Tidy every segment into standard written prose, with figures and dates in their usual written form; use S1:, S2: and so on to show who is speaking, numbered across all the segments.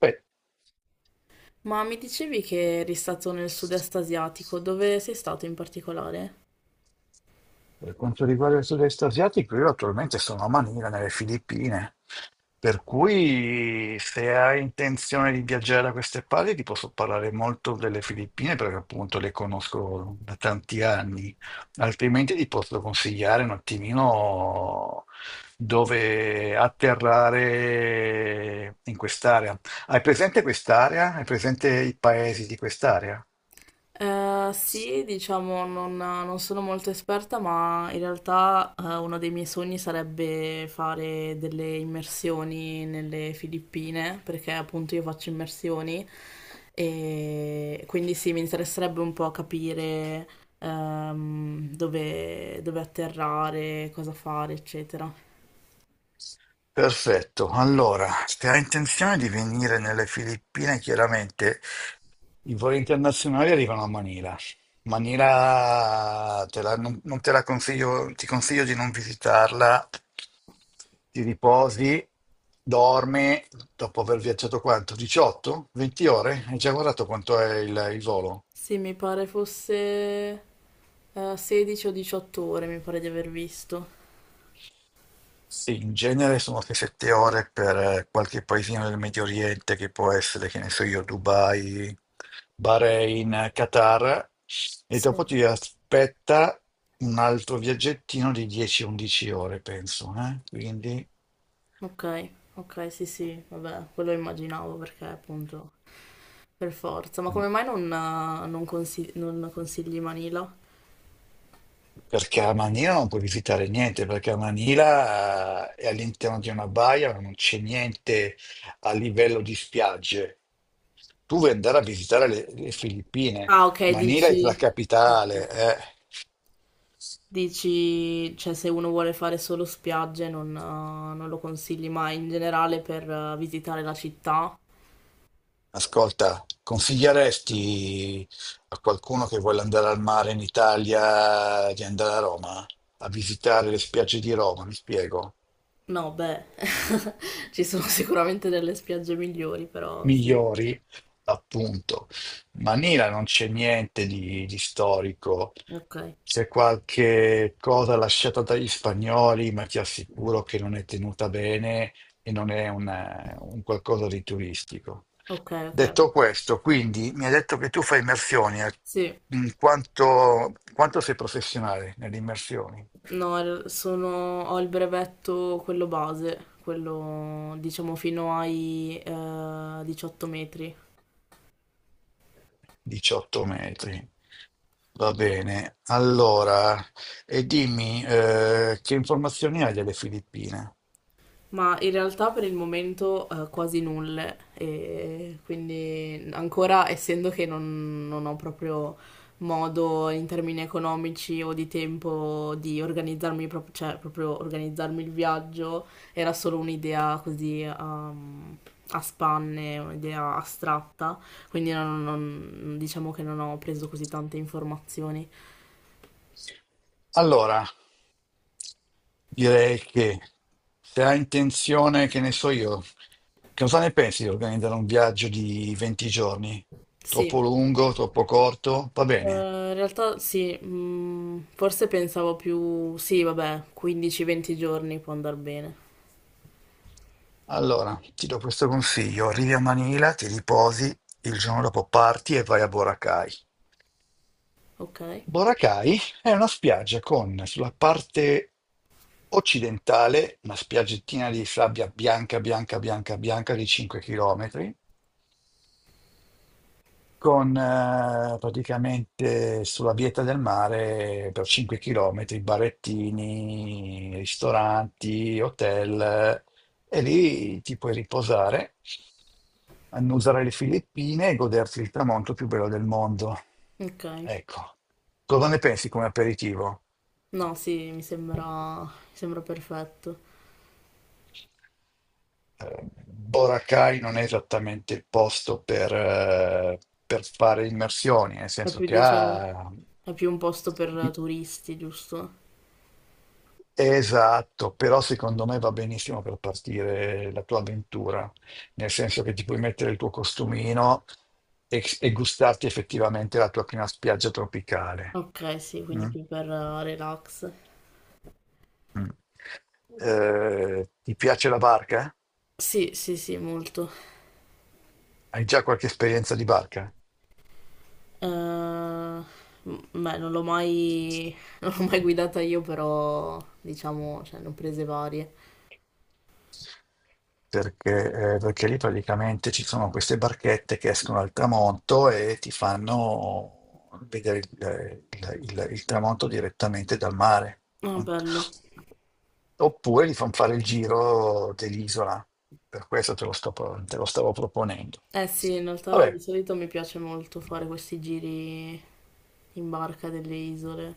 S1: Beh,
S2: Ma mi dicevi che eri stato nel sud-est asiatico, dove sei stato in particolare?
S1: per quanto riguarda il sud-est asiatico, io attualmente sono a Manila, nelle Filippine, per cui se hai intenzione di viaggiare da queste parti ti posso parlare molto delle Filippine perché appunto le conosco da tanti anni, altrimenti ti posso consigliare un attimino dove atterrare in quest'area. Hai presente quest'area? Hai presente i paesi di quest'area?
S2: Sì, diciamo, non sono molto esperta, ma in realtà uno dei miei sogni sarebbe fare delle immersioni nelle Filippine, perché appunto io faccio immersioni e quindi sì, mi interesserebbe un po' capire dove atterrare, cosa fare, eccetera.
S1: Perfetto, allora, se hai intenzione di venire nelle Filippine, chiaramente i voli internazionali arrivano a Manila. Manila te la- non, non te la consiglio, ti consiglio di non visitarla, ti riposi, dormi, dopo aver viaggiato quanto? 18? 20 ore? Hai già guardato quanto è il volo?
S2: Sì, mi pare fosse. 16 o 18 ore mi pare di aver visto.
S1: Sì, in genere sono 6-7 ore per qualche paesino del Medio Oriente che può essere, che ne so io, Dubai, Bahrain, Qatar, e dopo
S2: Sì.
S1: ti aspetta un altro viaggettino di 10-11 ore, penso, eh? Quindi.
S2: Ok, ok, sì, sì, vabbè, quello immaginavo perché appunto per forza. Ma
S1: mm.
S2: come mai non consigli Manila?
S1: Perché a Manila non puoi visitare niente, perché a Manila è all'interno di una baia, ma non c'è niente a livello di spiagge. Tu vuoi andare a visitare le Filippine,
S2: Ah, ok,
S1: Manila è la
S2: dici,
S1: capitale.
S2: dici, cioè se uno vuole fare solo spiagge non lo consigli mai in generale per visitare la città?
S1: Ascolta, consiglieresti a qualcuno che vuole andare al mare in Italia di andare a Roma, a visitare le spiagge di Roma, mi spiego?
S2: No, beh, ci sono sicuramente delle spiagge migliori, però sì.
S1: Migliori appunto. Ma Nila non c'è niente di storico,
S2: Ok,
S1: c'è qualche cosa lasciata dagli spagnoli, ma ti assicuro che non è tenuta bene e non è un qualcosa di turistico.
S2: ok, ok.
S1: Detto questo, quindi mi hai detto che tu fai immersioni,
S2: Sì.
S1: in quanto sei professionale nelle immersioni?
S2: No, ho il brevetto, quello base, quello diciamo fino ai 18 metri.
S1: 18 metri. Va bene, allora, e dimmi che informazioni hai delle Filippine?
S2: Ma in realtà per il momento quasi nulle, e quindi ancora essendo che non ho proprio modo in termini economici o di tempo di organizzarmi, cioè proprio organizzarmi il viaggio, era solo un'idea così a spanne, un'idea astratta, quindi diciamo che non ho preso così tante informazioni.
S1: Allora, direi che se hai intenzione, che ne so io, che cosa ne pensi di organizzare un viaggio di 20 giorni?
S2: Sì.
S1: Troppo lungo, troppo corto? Va bene.
S2: In realtà sì, forse pensavo più, sì, vabbè, 15-20 giorni può andare bene.
S1: Allora, ti do questo consiglio. Arrivi a Manila, ti riposi, il giorno dopo parti e vai a Boracay.
S2: Ok,
S1: Boracay è una spiaggia con sulla parte occidentale una spiaggettina di sabbia bianca, bianca, bianca, bianca di 5 km con praticamente sulla bieta del mare per 5 km, barettini, ristoranti, hotel, e lì ti puoi riposare, annusare le Filippine e goderti il tramonto più bello del mondo.
S2: ok.
S1: Ecco, cosa ne pensi come aperitivo?
S2: No, sì, mi sembra perfetto.
S1: Boracay non è esattamente il posto per fare immersioni. Nel
S2: È
S1: senso
S2: più,
S1: che
S2: diciamo,
S1: ha
S2: è più un posto per
S1: di,
S2: turisti, giusto?
S1: Esatto, però secondo me va benissimo per partire la tua avventura, nel senso che ti puoi mettere il tuo costumino e gustarti effettivamente la tua prima spiaggia tropicale.
S2: Ok, sì, quindi
S1: Mm?
S2: più per relax.
S1: Mm. Ti piace la barca?
S2: Sì, sì, sì, molto.
S1: Hai già qualche esperienza di barca?
S2: Eh, m- beh, non l'ho mai, non l'ho mai guidata io, però, diciamo, cioè, ne ho prese varie.
S1: Perché lì praticamente ci sono queste barchette che escono al tramonto e ti fanno vedere il tramonto direttamente dal mare.
S2: Ah, bello.
S1: Oppure gli fanno fare il giro dell'isola, per questo te lo stavo proponendo.
S2: Eh sì, in realtà di
S1: Vabbè,
S2: solito mi piace molto fare questi giri in barca delle isole,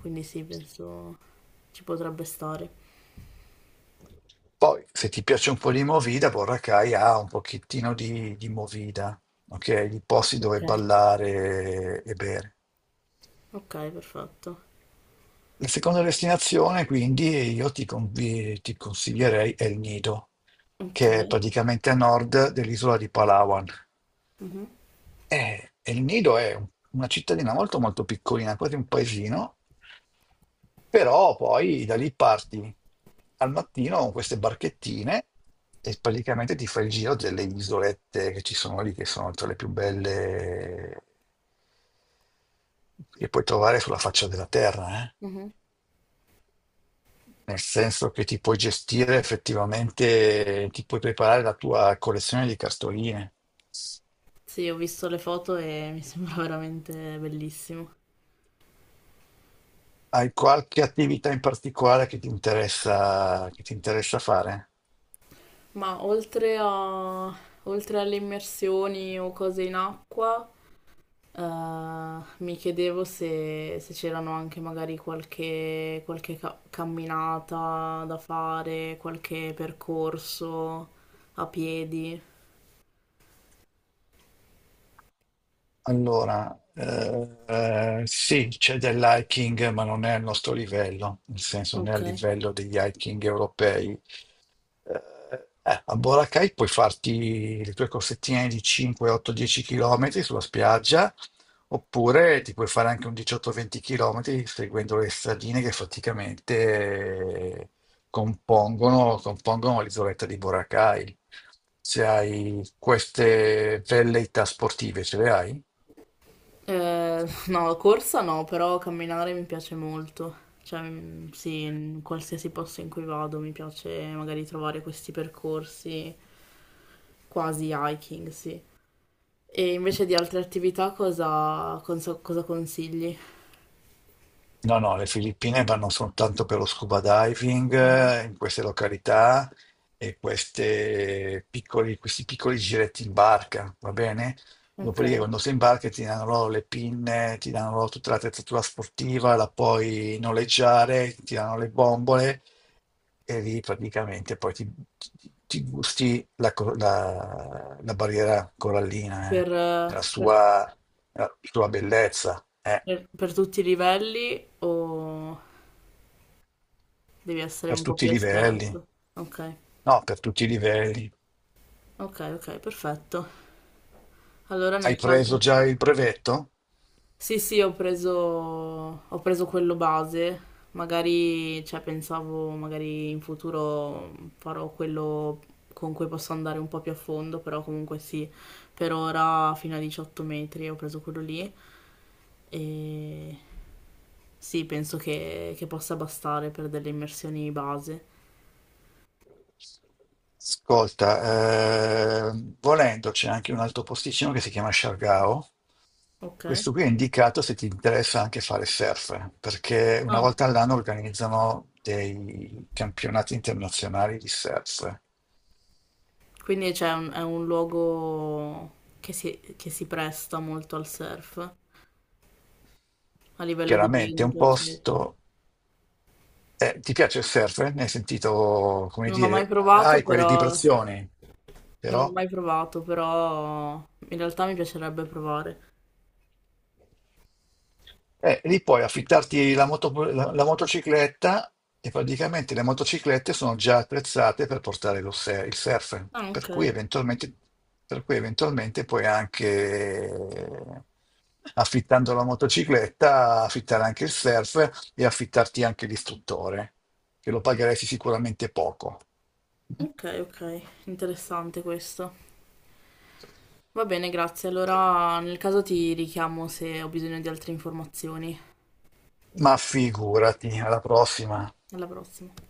S2: quindi sì, penso ci potrebbe stare.
S1: poi se ti piace un po' di Movida, Boracay ha un pochettino di, Movida, ok? Di posti
S2: Ok,
S1: dove ballare e bere.
S2: ok, perfetto.
S1: La seconda destinazione, quindi, io ti consiglierei El Nido,
S2: Ok.
S1: che è praticamente a nord dell'isola di Palawan.
S2: Mhm,
S1: E El Nido è una cittadina molto molto piccolina, quasi un paesino, però poi da lì parti al mattino con queste barchettine e praticamente ti fai il giro delle isolette che ci sono lì, che sono tra le più belle che puoi trovare sulla faccia della terra,
S2: mhm.
S1: nel senso che ti puoi gestire effettivamente, ti puoi preparare la tua collezione di cartoline.
S2: Sì, ho visto le foto e mi sembra veramente bellissimo.
S1: Hai qualche attività in particolare che ti interessa fare?
S2: Ma oltre alle immersioni o cose in acqua. Mi chiedevo se c'erano anche magari qualche camminata da fare, qualche percorso a piedi.
S1: Allora, sì, c'è dell'hiking, ma non è al nostro livello, nel senso non è
S2: Ok.
S1: al livello degli hiking europei. A Boracay puoi farti le tue corsettine di 5, 8, 10 km sulla spiaggia, oppure ti puoi fare anche un 18-20 km seguendo le stradine che praticamente eh, compongono l'isoletta di Boracay. Se hai queste velleità sportive, ce le hai?
S2: No, corsa no, però camminare mi piace molto. Cioè, sì, in qualsiasi posto in cui vado mi piace magari trovare questi percorsi quasi hiking, sì. E invece di altre attività cosa consigli?
S1: No, no, le Filippine vanno soltanto per lo scuba diving
S2: Mhm.
S1: in queste località e queste questi piccoli giretti in barca, va bene?
S2: Ok.
S1: Dopodiché quando sei in barca ti danno loro le pinne, ti danno loro tutta l'attrezzatura sportiva, la puoi noleggiare, ti danno le bombole e lì praticamente poi ti gusti la barriera corallina,
S2: Per, eh,
S1: e la
S2: per-
S1: sua, la sua bellezza,
S2: per tutti i livelli o devi essere
S1: per
S2: un po'
S1: tutti i
S2: più
S1: livelli.
S2: esperto? Ok,
S1: No, per tutti i livelli.
S2: ok, ok, perfetto. Allora
S1: Hai
S2: nel
S1: preso
S2: caso.
S1: già il brevetto?
S2: Sì, sì, ho preso quello base, magari, cioè pensavo magari in futuro farò quello con cui posso andare un po' più a fondo, però comunque sì, per ora fino a 18 metri ho preso quello lì e sì, penso che possa bastare per delle immersioni base.
S1: Ascolta, volendo c'è anche un altro posticino che si chiama Shargao.
S2: Ok.
S1: Questo qui è indicato se ti interessa anche fare surf, perché una
S2: Ah,
S1: volta all'anno organizzano dei campionati internazionali di surf.
S2: quindi c'è è un luogo che si presta molto al surf a livello di
S1: Chiaramente è un
S2: vento, eccetera.
S1: posto. Ti piace il surf? Ne hai sentito, come
S2: Non ho mai
S1: dire,
S2: provato,
S1: hai quelle
S2: però
S1: vibrazioni,
S2: non ho
S1: però.
S2: mai provato, però in realtà mi piacerebbe provare.
S1: Lì puoi affittarti la motocicletta e praticamente le motociclette sono già attrezzate per portare lo se- il surf,
S2: Ah,
S1: per
S2: ok,
S1: cui eventualmente, per cui eventualmente puoi anche, affittando la motocicletta, affittare anche il surf e affittarti anche l'istruttore, che lo pagheresti sicuramente poco.
S2: ok, ok, interessante questo. Va bene, grazie. Allora, nel caso ti richiamo se ho bisogno di altre informazioni.
S1: Ma figurati, alla prossima.
S2: Alla prossima.